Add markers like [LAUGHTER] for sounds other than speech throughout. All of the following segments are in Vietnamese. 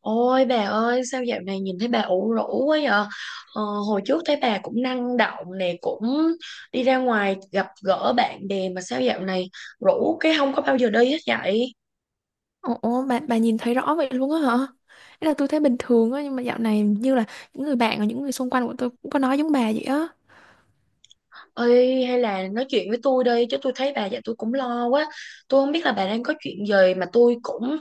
Ôi bà ơi, sao dạo này nhìn thấy bà ủ rũ quá vậy? ờ, Hồi trước thấy bà cũng năng động nè, cũng đi ra ngoài gặp gỡ bạn bè, mà sao dạo này rũ cái không có bao giờ đi hết vậy? Ồ, bà nhìn thấy rõ vậy luôn á hả? Ý là tôi thấy bình thường á, nhưng mà dạo này như là những người bạn và những người xung quanh của tôi cũng có nói giống bà vậy á. Ơi hay là nói chuyện với tôi đi, chứ tôi thấy bà vậy tôi cũng lo quá. Tôi không biết là bà đang có chuyện gì, mà tôi cũng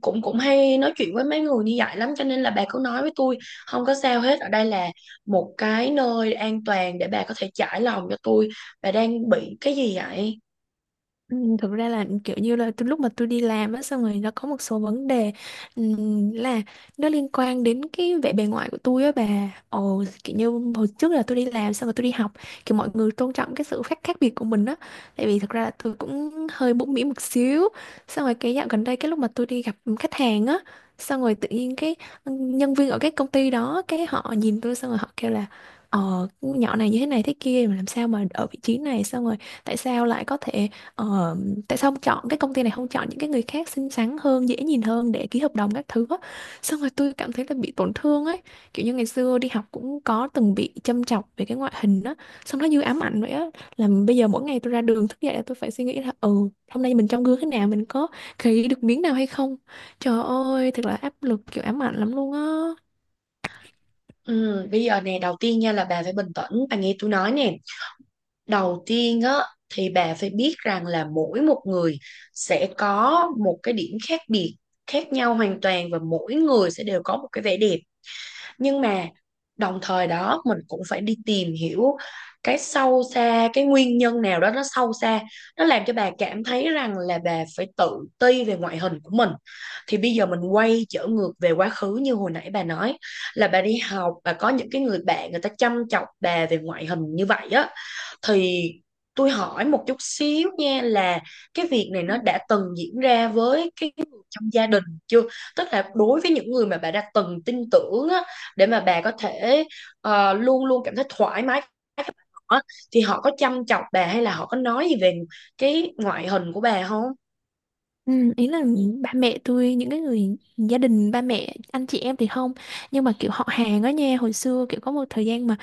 cũng cũng hay nói chuyện với mấy người như vậy lắm, cho nên là bà cứ nói với tôi không có sao hết. Ở đây là một cái nơi an toàn để bà có thể trải lòng cho tôi. Bà đang bị cái gì vậy? Ừ, thực ra là kiểu như là từ lúc mà tôi đi làm á xong rồi nó có một số vấn đề, là nó liên quan đến cái vẻ bề ngoài của tôi á bà. Ồ, kiểu như hồi trước là tôi đi làm xong rồi tôi đi học, kiểu mọi người tôn trọng cái sự khác khác biệt của mình á, tại vì thực ra là tôi cũng hơi bmũn miệng một xíu. Xong rồi cái dạo gần đây, cái lúc mà tôi đi gặp khách hàng á, xong rồi tự nhiên cái nhân viên ở cái công ty đó, cái họ nhìn tôi xong rồi họ kêu là, ờ, nhỏ này như thế này thế kia mà làm sao mà ở vị trí này, xong rồi tại sao lại có thể, ờ, tại sao không chọn cái công ty này, không chọn những cái người khác xinh xắn hơn, dễ nhìn hơn để ký hợp đồng các thứ á. Xong rồi tôi cảm thấy là bị tổn thương ấy, kiểu như ngày xưa đi học cũng có từng bị châm chọc về cái ngoại hình á, xong nó như ám ảnh vậy á. Là bây giờ mỗi ngày tôi ra đường thức dậy là tôi phải suy nghĩ là, ừ, hôm nay mình trong gương thế nào, mình có khỉ được miếng nào hay không. Trời ơi, thật là áp lực, kiểu ám ảnh lắm luôn á. Ừ, bây giờ nè, đầu tiên nha, là bà phải bình tĩnh bà nghe tôi nói nè. Đầu tiên á thì bà phải biết rằng là mỗi một người sẽ có một cái điểm khác biệt, khác nhau hoàn toàn, và mỗi người sẽ đều có một cái vẻ đẹp. Nhưng mà đồng thời đó mình cũng phải đi tìm hiểu cái sâu xa, cái nguyên nhân nào đó nó sâu xa, nó làm cho bà cảm thấy rằng là bà phải tự ti về ngoại hình của mình. Thì bây giờ mình quay trở ngược về quá khứ, như hồi nãy bà nói là bà đi học bà có những cái người bạn người ta chăm chọc bà về ngoại hình như vậy á, thì tôi hỏi một chút xíu nha, là cái việc này nó đã từng diễn ra với cái người trong gia đình chưa? Tức là đối với những người mà bà đã từng tin tưởng á, để mà bà có thể luôn luôn cảm thấy thoải mái với họ á, thì họ có chăm chọc bà, hay là họ có nói gì về cái ngoại hình của bà không? Ừ, ý là ba mẹ tôi, những cái người gia đình ba mẹ anh chị em thì không, nhưng mà kiểu họ hàng á nha, hồi xưa kiểu có một thời gian mà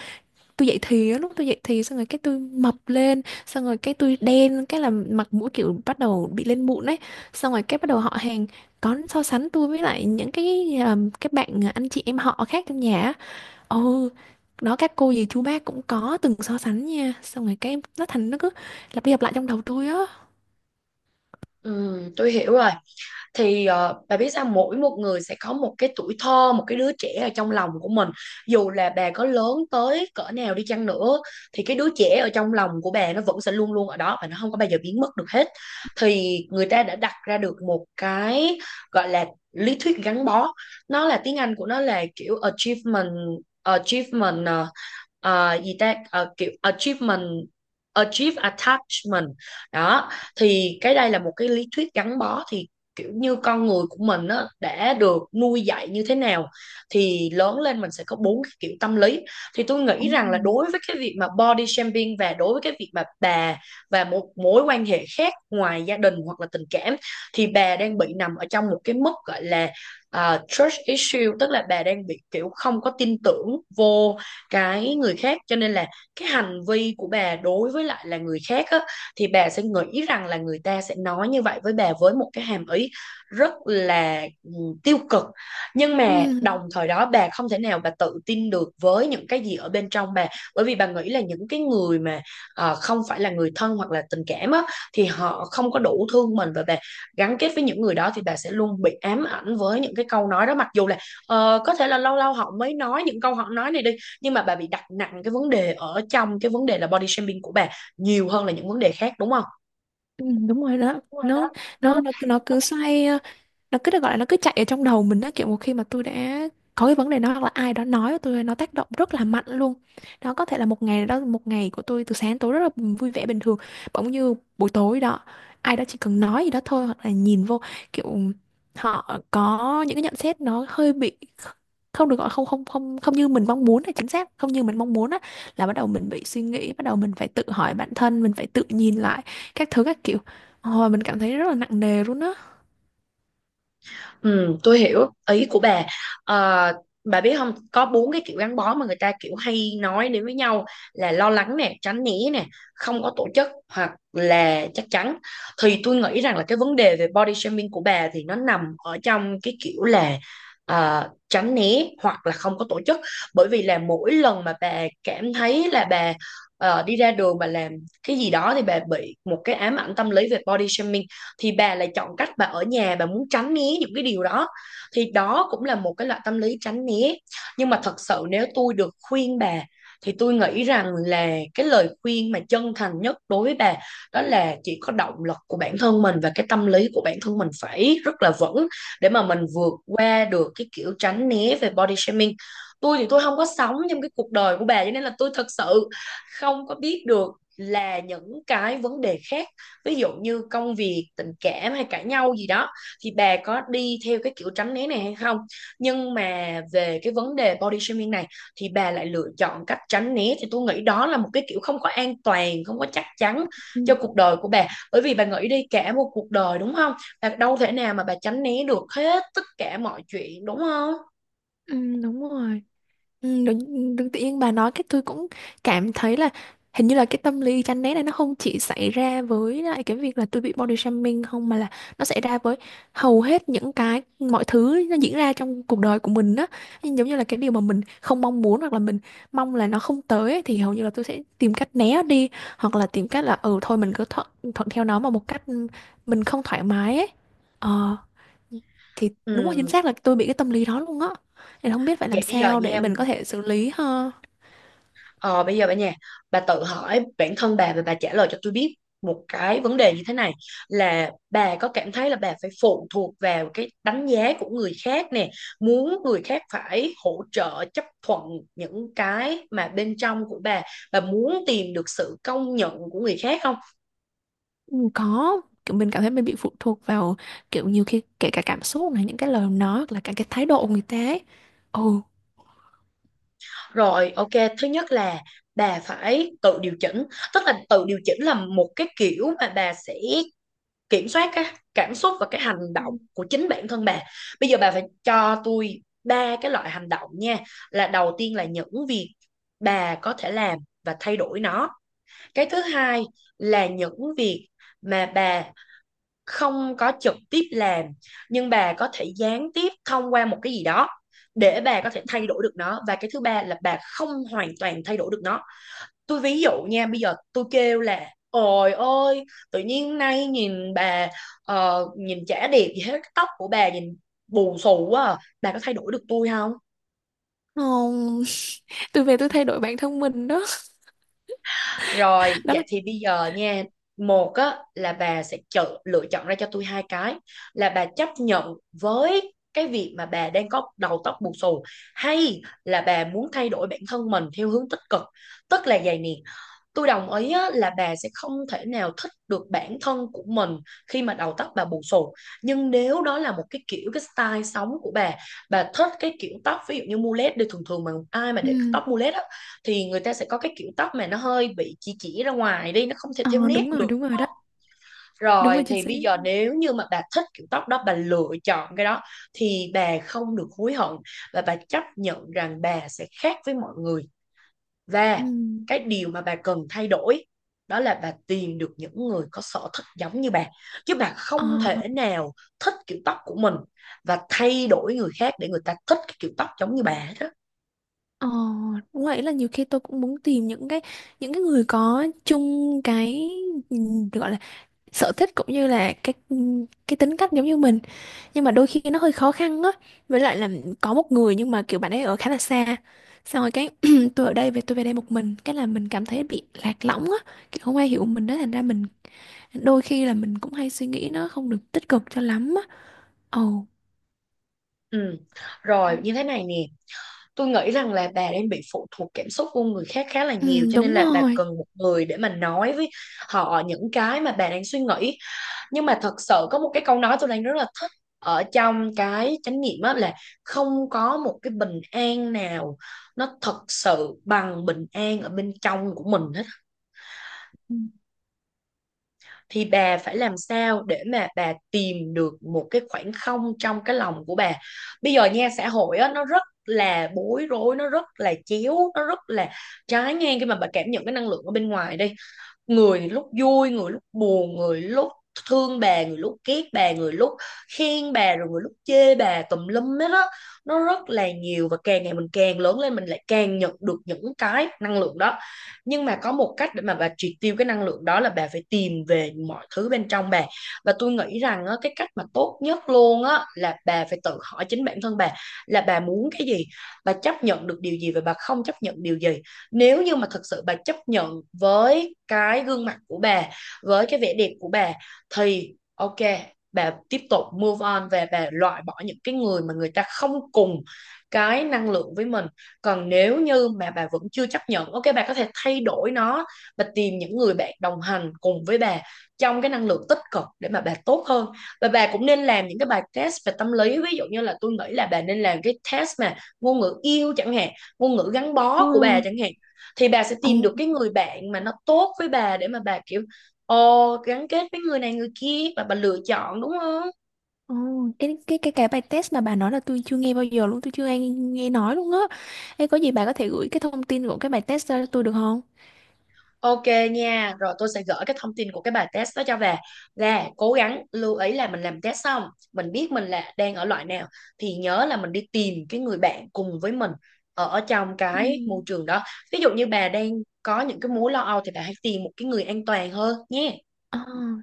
tôi dậy thì á, lúc tôi dậy thì xong rồi cái tôi mập lên, xong rồi cái tôi đen, cái là mặt mũi kiểu bắt đầu bị lên mụn ấy, xong rồi cái bắt đầu họ hàng có so sánh tôi với lại những cái, các bạn anh chị em họ khác trong nhà á. Ừ, đó các cô dì chú bác cũng có từng so sánh nha, xong rồi cái nó thành nó cứ lặp đi lặp lại trong đầu tôi á. Ừ, tôi hiểu rồi. Thì bà biết sao, mỗi một người sẽ có một cái tuổi thơ, một cái đứa trẻ ở trong lòng của mình. Dù là bà có lớn tới cỡ nào đi chăng nữa thì cái đứa trẻ ở trong lòng của bà nó vẫn sẽ luôn luôn ở đó, và nó không có bao giờ biến mất được hết. Thì người ta đã đặt ra được một cái gọi là lý thuyết gắn bó. Nó là tiếng Anh của nó là kiểu achievement, achievement ờ, gì ta. Ờ, Kiểu achieve attachment đó. Thì cái đây là một cái lý thuyết gắn bó. Thì kiểu như con người của mình á, đã được nuôi dạy như thế nào thì lớn lên mình sẽ có bốn cái kiểu tâm lý. Thì tôi Ừ. nghĩ rằng là đối với cái việc mà body shaming, và đối với cái việc mà bà và một mối quan hệ khác ngoài gia đình hoặc là tình cảm, thì bà đang bị nằm ở trong một cái mức gọi là à, trust issue. Tức là bà đang bị kiểu không có tin tưởng vô cái người khác, cho nên là cái hành vi của bà đối với lại là người khác á, thì bà sẽ nghĩ rằng là người ta sẽ nói như vậy với bà với một cái hàm ý rất là tiêu cực. Nhưng mà Ừ. đồng thời đó bà không thể nào bà tự tin được với những cái gì ở bên trong bà. Bởi vì bà nghĩ là những cái người mà không phải là người thân hoặc là tình cảm á, thì họ không có đủ thương mình, và bà gắn kết với những người đó thì bà sẽ luôn bị ám ảnh với những cái câu nói đó. Mặc dù là có thể là lâu lâu họ mới nói những câu họ nói này đi, nhưng mà bà bị đặt nặng cái vấn đề, ở trong cái vấn đề là body shaming của bà nhiều hơn là những vấn đề khác, đúng không? Ừ, đúng rồi đó, Đúng rồi nó đó, nó cứ đúng. xoay, nó cứ được gọi là nó cứ chạy ở trong đầu mình á, kiểu một khi mà tôi đã có cái vấn đề nó, hoặc là ai đó nói với tôi, nó tác động rất là mạnh luôn đó. Có thể là một ngày đó, một ngày của tôi từ sáng đến tối rất là vui vẻ bình thường, bỗng như buổi tối đó ai đó chỉ cần nói gì đó thôi, hoặc là nhìn vô kiểu họ có những cái nhận xét nó hơi bị không được, gọi không, không như mình mong muốn, là chính xác không như mình mong muốn á, là bắt đầu mình bị suy nghĩ, bắt đầu mình phải tự hỏi bản thân, mình phải tự nhìn lại các thứ các kiểu. Ôi, mình cảm thấy rất là nặng nề luôn á. Ừ, tôi hiểu ý của bà. Ờ, bà biết không, có bốn cái kiểu gắn bó mà người ta kiểu hay nói đến với nhau, là lo lắng nè, tránh né nè, không có tổ chức, hoặc là chắc chắn. Thì tôi nghĩ rằng là cái vấn đề về body shaming của bà thì nó nằm ở trong cái kiểu là tránh né hoặc là không có tổ chức. Bởi vì là mỗi lần mà bà cảm thấy là bà đi ra đường mà làm cái gì đó thì bà bị một cái ám ảnh tâm lý về body shaming, thì bà lại chọn cách bà ở nhà, bà muốn tránh né những cái điều đó, thì đó cũng là một cái loại tâm lý tránh né. Nhưng mà thật sự nếu tôi được khuyên bà thì tôi nghĩ rằng là cái lời khuyên mà chân thành nhất đối với bà, đó là chỉ có động lực của bản thân mình và cái tâm lý của bản thân mình phải rất là vững, để mà mình vượt qua được cái kiểu tránh né về body shaming. Tôi thì tôi không có sống trong cái cuộc đời của bà, cho nên là tôi thật sự không có biết được là những cái vấn đề khác, ví dụ như công việc, tình cảm, hay cãi nhau gì đó, thì bà có đi theo cái kiểu tránh né này hay không. Nhưng mà về cái vấn đề body shaming này thì bà lại lựa chọn cách tránh né, thì tôi nghĩ đó là một cái kiểu không có an toàn, không có chắc chắn Ừ. cho cuộc đời của bà. Bởi vì bà nghĩ đi, cả một cuộc đời đúng không, bà đâu thể nào mà bà tránh né được hết tất cả mọi chuyện, đúng không? Ừ, đúng rồi. Ừ, đúng, tự tự nhiên bà nói cái tôi cũng cảm thấy là hình như là cái tâm lý chán ghét này nó không chỉ xảy ra với lại cái việc là tôi bị body shaming không, mà là nó xảy ra với hầu hết những cái mọi thứ nó diễn ra trong cuộc đời của mình đó. Nhưng giống như là cái điều mà mình không mong muốn, hoặc là mình mong là nó không tới ấy, thì hầu như là tôi sẽ tìm cách né đi, hoặc là tìm cách là ừ thôi mình cứ thuận, thuận theo nó mà một cách mình không thoải mái ấy. Ờ, thì đúng là chính Ừ. xác là tôi bị cái tâm lý đó luôn á. Thì không biết phải làm Vậy bây giờ sao để nha, mình có thể xử lý ha. ờ, bây giờ bà, bà tự hỏi bản thân bà và bà trả lời cho tôi biết một cái vấn đề như thế này, là bà có cảm thấy là bà phải phụ thuộc vào cái đánh giá của người khác nè, muốn người khác phải hỗ trợ, chấp thuận những cái mà bên trong của bà muốn tìm được sự công nhận của người khác không? Ừ, có, kiểu mình cảm thấy mình bị phụ thuộc vào, kiểu nhiều khi kể cả cảm xúc này, những cái lời nói hoặc là cả cái thái độ của người ta ấy. Ồ. Rồi, ok, thứ nhất là bà phải tự điều chỉnh. Tức là tự điều chỉnh là một cái kiểu mà bà sẽ kiểm soát cái cảm xúc và cái hành động Ừ. của chính bản thân bà. Bây giờ bà phải cho tôi ba cái loại hành động nha. Là đầu tiên là những việc bà có thể làm và thay đổi nó. Cái thứ hai là những việc mà bà không có trực tiếp làm, nhưng bà có thể gián tiếp thông qua một cái gì đó để bà có thể thay đổi được nó. Và cái thứ ba là bà không hoàn toàn thay đổi được nó. Tôi ví dụ nha, bây giờ tôi kêu là ôi ôi, tự nhiên nay nhìn bà, nhìn chả đẹp gì hết, cái tóc của bà nhìn bù xù quá à. Bà có thay đổi được tôi không? Không, [LAUGHS] tôi về tôi thay đổi bản thân mình đó. Rồi [LAUGHS] Đó là, vậy thì bây giờ nha, một á là bà sẽ chọn, lựa chọn ra cho tôi hai cái, là bà chấp nhận với cái việc mà bà đang có đầu tóc bù xù, hay là bà muốn thay đổi bản thân mình theo hướng tích cực. Tức là vậy nè, tôi đồng ý á, là bà sẽ không thể nào thích được bản thân của mình khi mà đầu tóc bà bù xù. Nhưng nếu đó là một cái kiểu, cái style sống của bà thích cái kiểu tóc ví dụ như mullet đi, thường thường mà ai mà để ừ, tóc mullet á thì người ta sẽ có cái kiểu tóc mà nó hơi bị chỉ ra ngoài đi, nó không thể ờ, theo nét được. đúng rồi đó. Đúng Rồi rồi, chính thì xác. bây giờ nếu như mà bà thích kiểu tóc đó, bà lựa chọn cái đó, thì bà không được hối hận, và bà chấp nhận rằng bà sẽ khác với mọi người. Ừ. Và cái điều mà bà cần thay đổi đó là bà tìm được những người có sở thích giống như bà. Chứ bà không Ờ. thể nào thích kiểu tóc của mình và thay đổi người khác để người ta thích cái kiểu tóc giống như bà hết đó. Ờ, đúng vậy, là nhiều khi tôi cũng muốn tìm những cái người có chung cái, ừ, gọi là sở thích cũng như là cái tính cách giống như mình, nhưng mà đôi khi nó hơi khó khăn á, với lại là có một người nhưng mà kiểu bạn ấy ở khá là xa, xong rồi cái [CLEARS THROAT] tôi ở đây, về tôi về đây một mình cái là mình cảm thấy bị lạc lõng á, kiểu không ai hiểu mình đó, thành ra mình đôi khi là mình cũng hay suy nghĩ nó không được tích cực cho lắm á. Ồ. Ừ. Rồi như thế này nè, tôi nghĩ rằng là bà đang bị phụ thuộc cảm xúc của người khác khá là nhiều, Ừ, cho đúng nên là bà rồi. cần một người để mà nói với họ những cái mà bà đang suy nghĩ. Nhưng mà thật sự có một cái câu nói tôi đang rất là thích ở trong cái chánh niệm á, là không có một cái bình an nào nó thật sự bằng bình an ở bên trong của mình hết. Ừ. Thì bà phải làm sao để mà bà tìm được một cái khoảng không trong cái lòng của bà. Bây giờ nha, xã hội á nó rất là bối rối, nó rất là chéo, nó rất là trái ngang. Khi mà bà cảm nhận cái năng lượng ở bên ngoài đi, người thì lúc vui, người lúc buồn, người lúc thương bà, người lúc ghét bà, người lúc khen bà, rồi người lúc chê bà tùm lum hết á. Nó rất là nhiều, và càng ngày mình càng lớn lên mình lại càng nhận được những cái năng lượng đó. Nhưng mà có một cách để mà bà triệt tiêu cái năng lượng đó, là bà phải tìm về mọi thứ bên trong bà. Và tôi nghĩ rằng á, cái cách mà tốt nhất luôn á, là bà phải tự hỏi chính bản thân bà là bà muốn cái gì, bà chấp nhận được điều gì và bà không chấp nhận điều gì. Nếu như mà thật sự bà chấp nhận với cái gương mặt của bà, với cái vẻ đẹp của bà, thì ok, bà tiếp tục move on, và bà loại bỏ những cái người mà người ta không cùng cái năng lượng với mình. Còn nếu như mà bà vẫn chưa chấp nhận, ok, bà có thể thay đổi nó, bà tìm những người bạn đồng hành cùng với bà trong cái năng lượng tích cực để mà bà tốt hơn. Và bà cũng nên làm những cái bài test về tâm lý, ví dụ như là tôi nghĩ là bà nên làm cái test mà ngôn ngữ yêu chẳng hạn, ngôn ngữ gắn ồ bó của bà chẳng hạn. Thì bà sẽ ồ tìm được cái người bạn mà nó tốt với bà, để mà bà kiểu ồ gắn kết với người này người kia, và bà lựa chọn đúng không. ồ cái bài test mà bà nói là tôi chưa nghe bao giờ luôn, tôi chưa nghe nghe nói luôn á. Ê, có gì bà có thể gửi cái thông tin của cái bài test ra cho tôi được không? Ok nha, rồi tôi sẽ gửi cái thông tin của cái bài test đó cho bà. Là cố gắng lưu ý là mình làm test xong mình biết mình là đang ở loại nào, thì nhớ là mình đi tìm cái người bạn cùng với mình ở ở trong Ừ. cái môi trường đó. Ví dụ như bà đang có những cái mối lo âu thì bà hãy tìm một cái người an toàn hơn nhé. Ờ,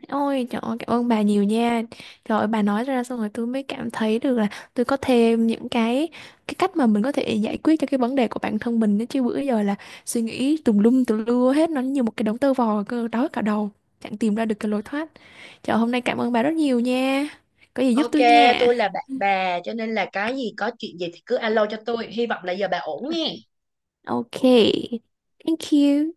ôi trời ơi, cảm ơn bà nhiều nha. Trời ơi, bà nói ra xong rồi tôi mới cảm thấy được là tôi có thêm những cái cách mà mình có thể giải quyết cho cái vấn đề của bản thân mình đó. Chứ bữa giờ là suy nghĩ tùm lum tùm lưa hết, nó như một cái đống tơ vò cơ, đói cả đầu, chẳng tìm ra được cái lối thoát. Trời, hôm nay cảm ơn bà rất nhiều nha. Có gì giúp Ok, tôi nha. tôi là bạn bà cho nên là cái gì, có chuyện gì thì cứ alo cho tôi. Hy vọng là giờ bà ổn nghe. Ok. Thank you.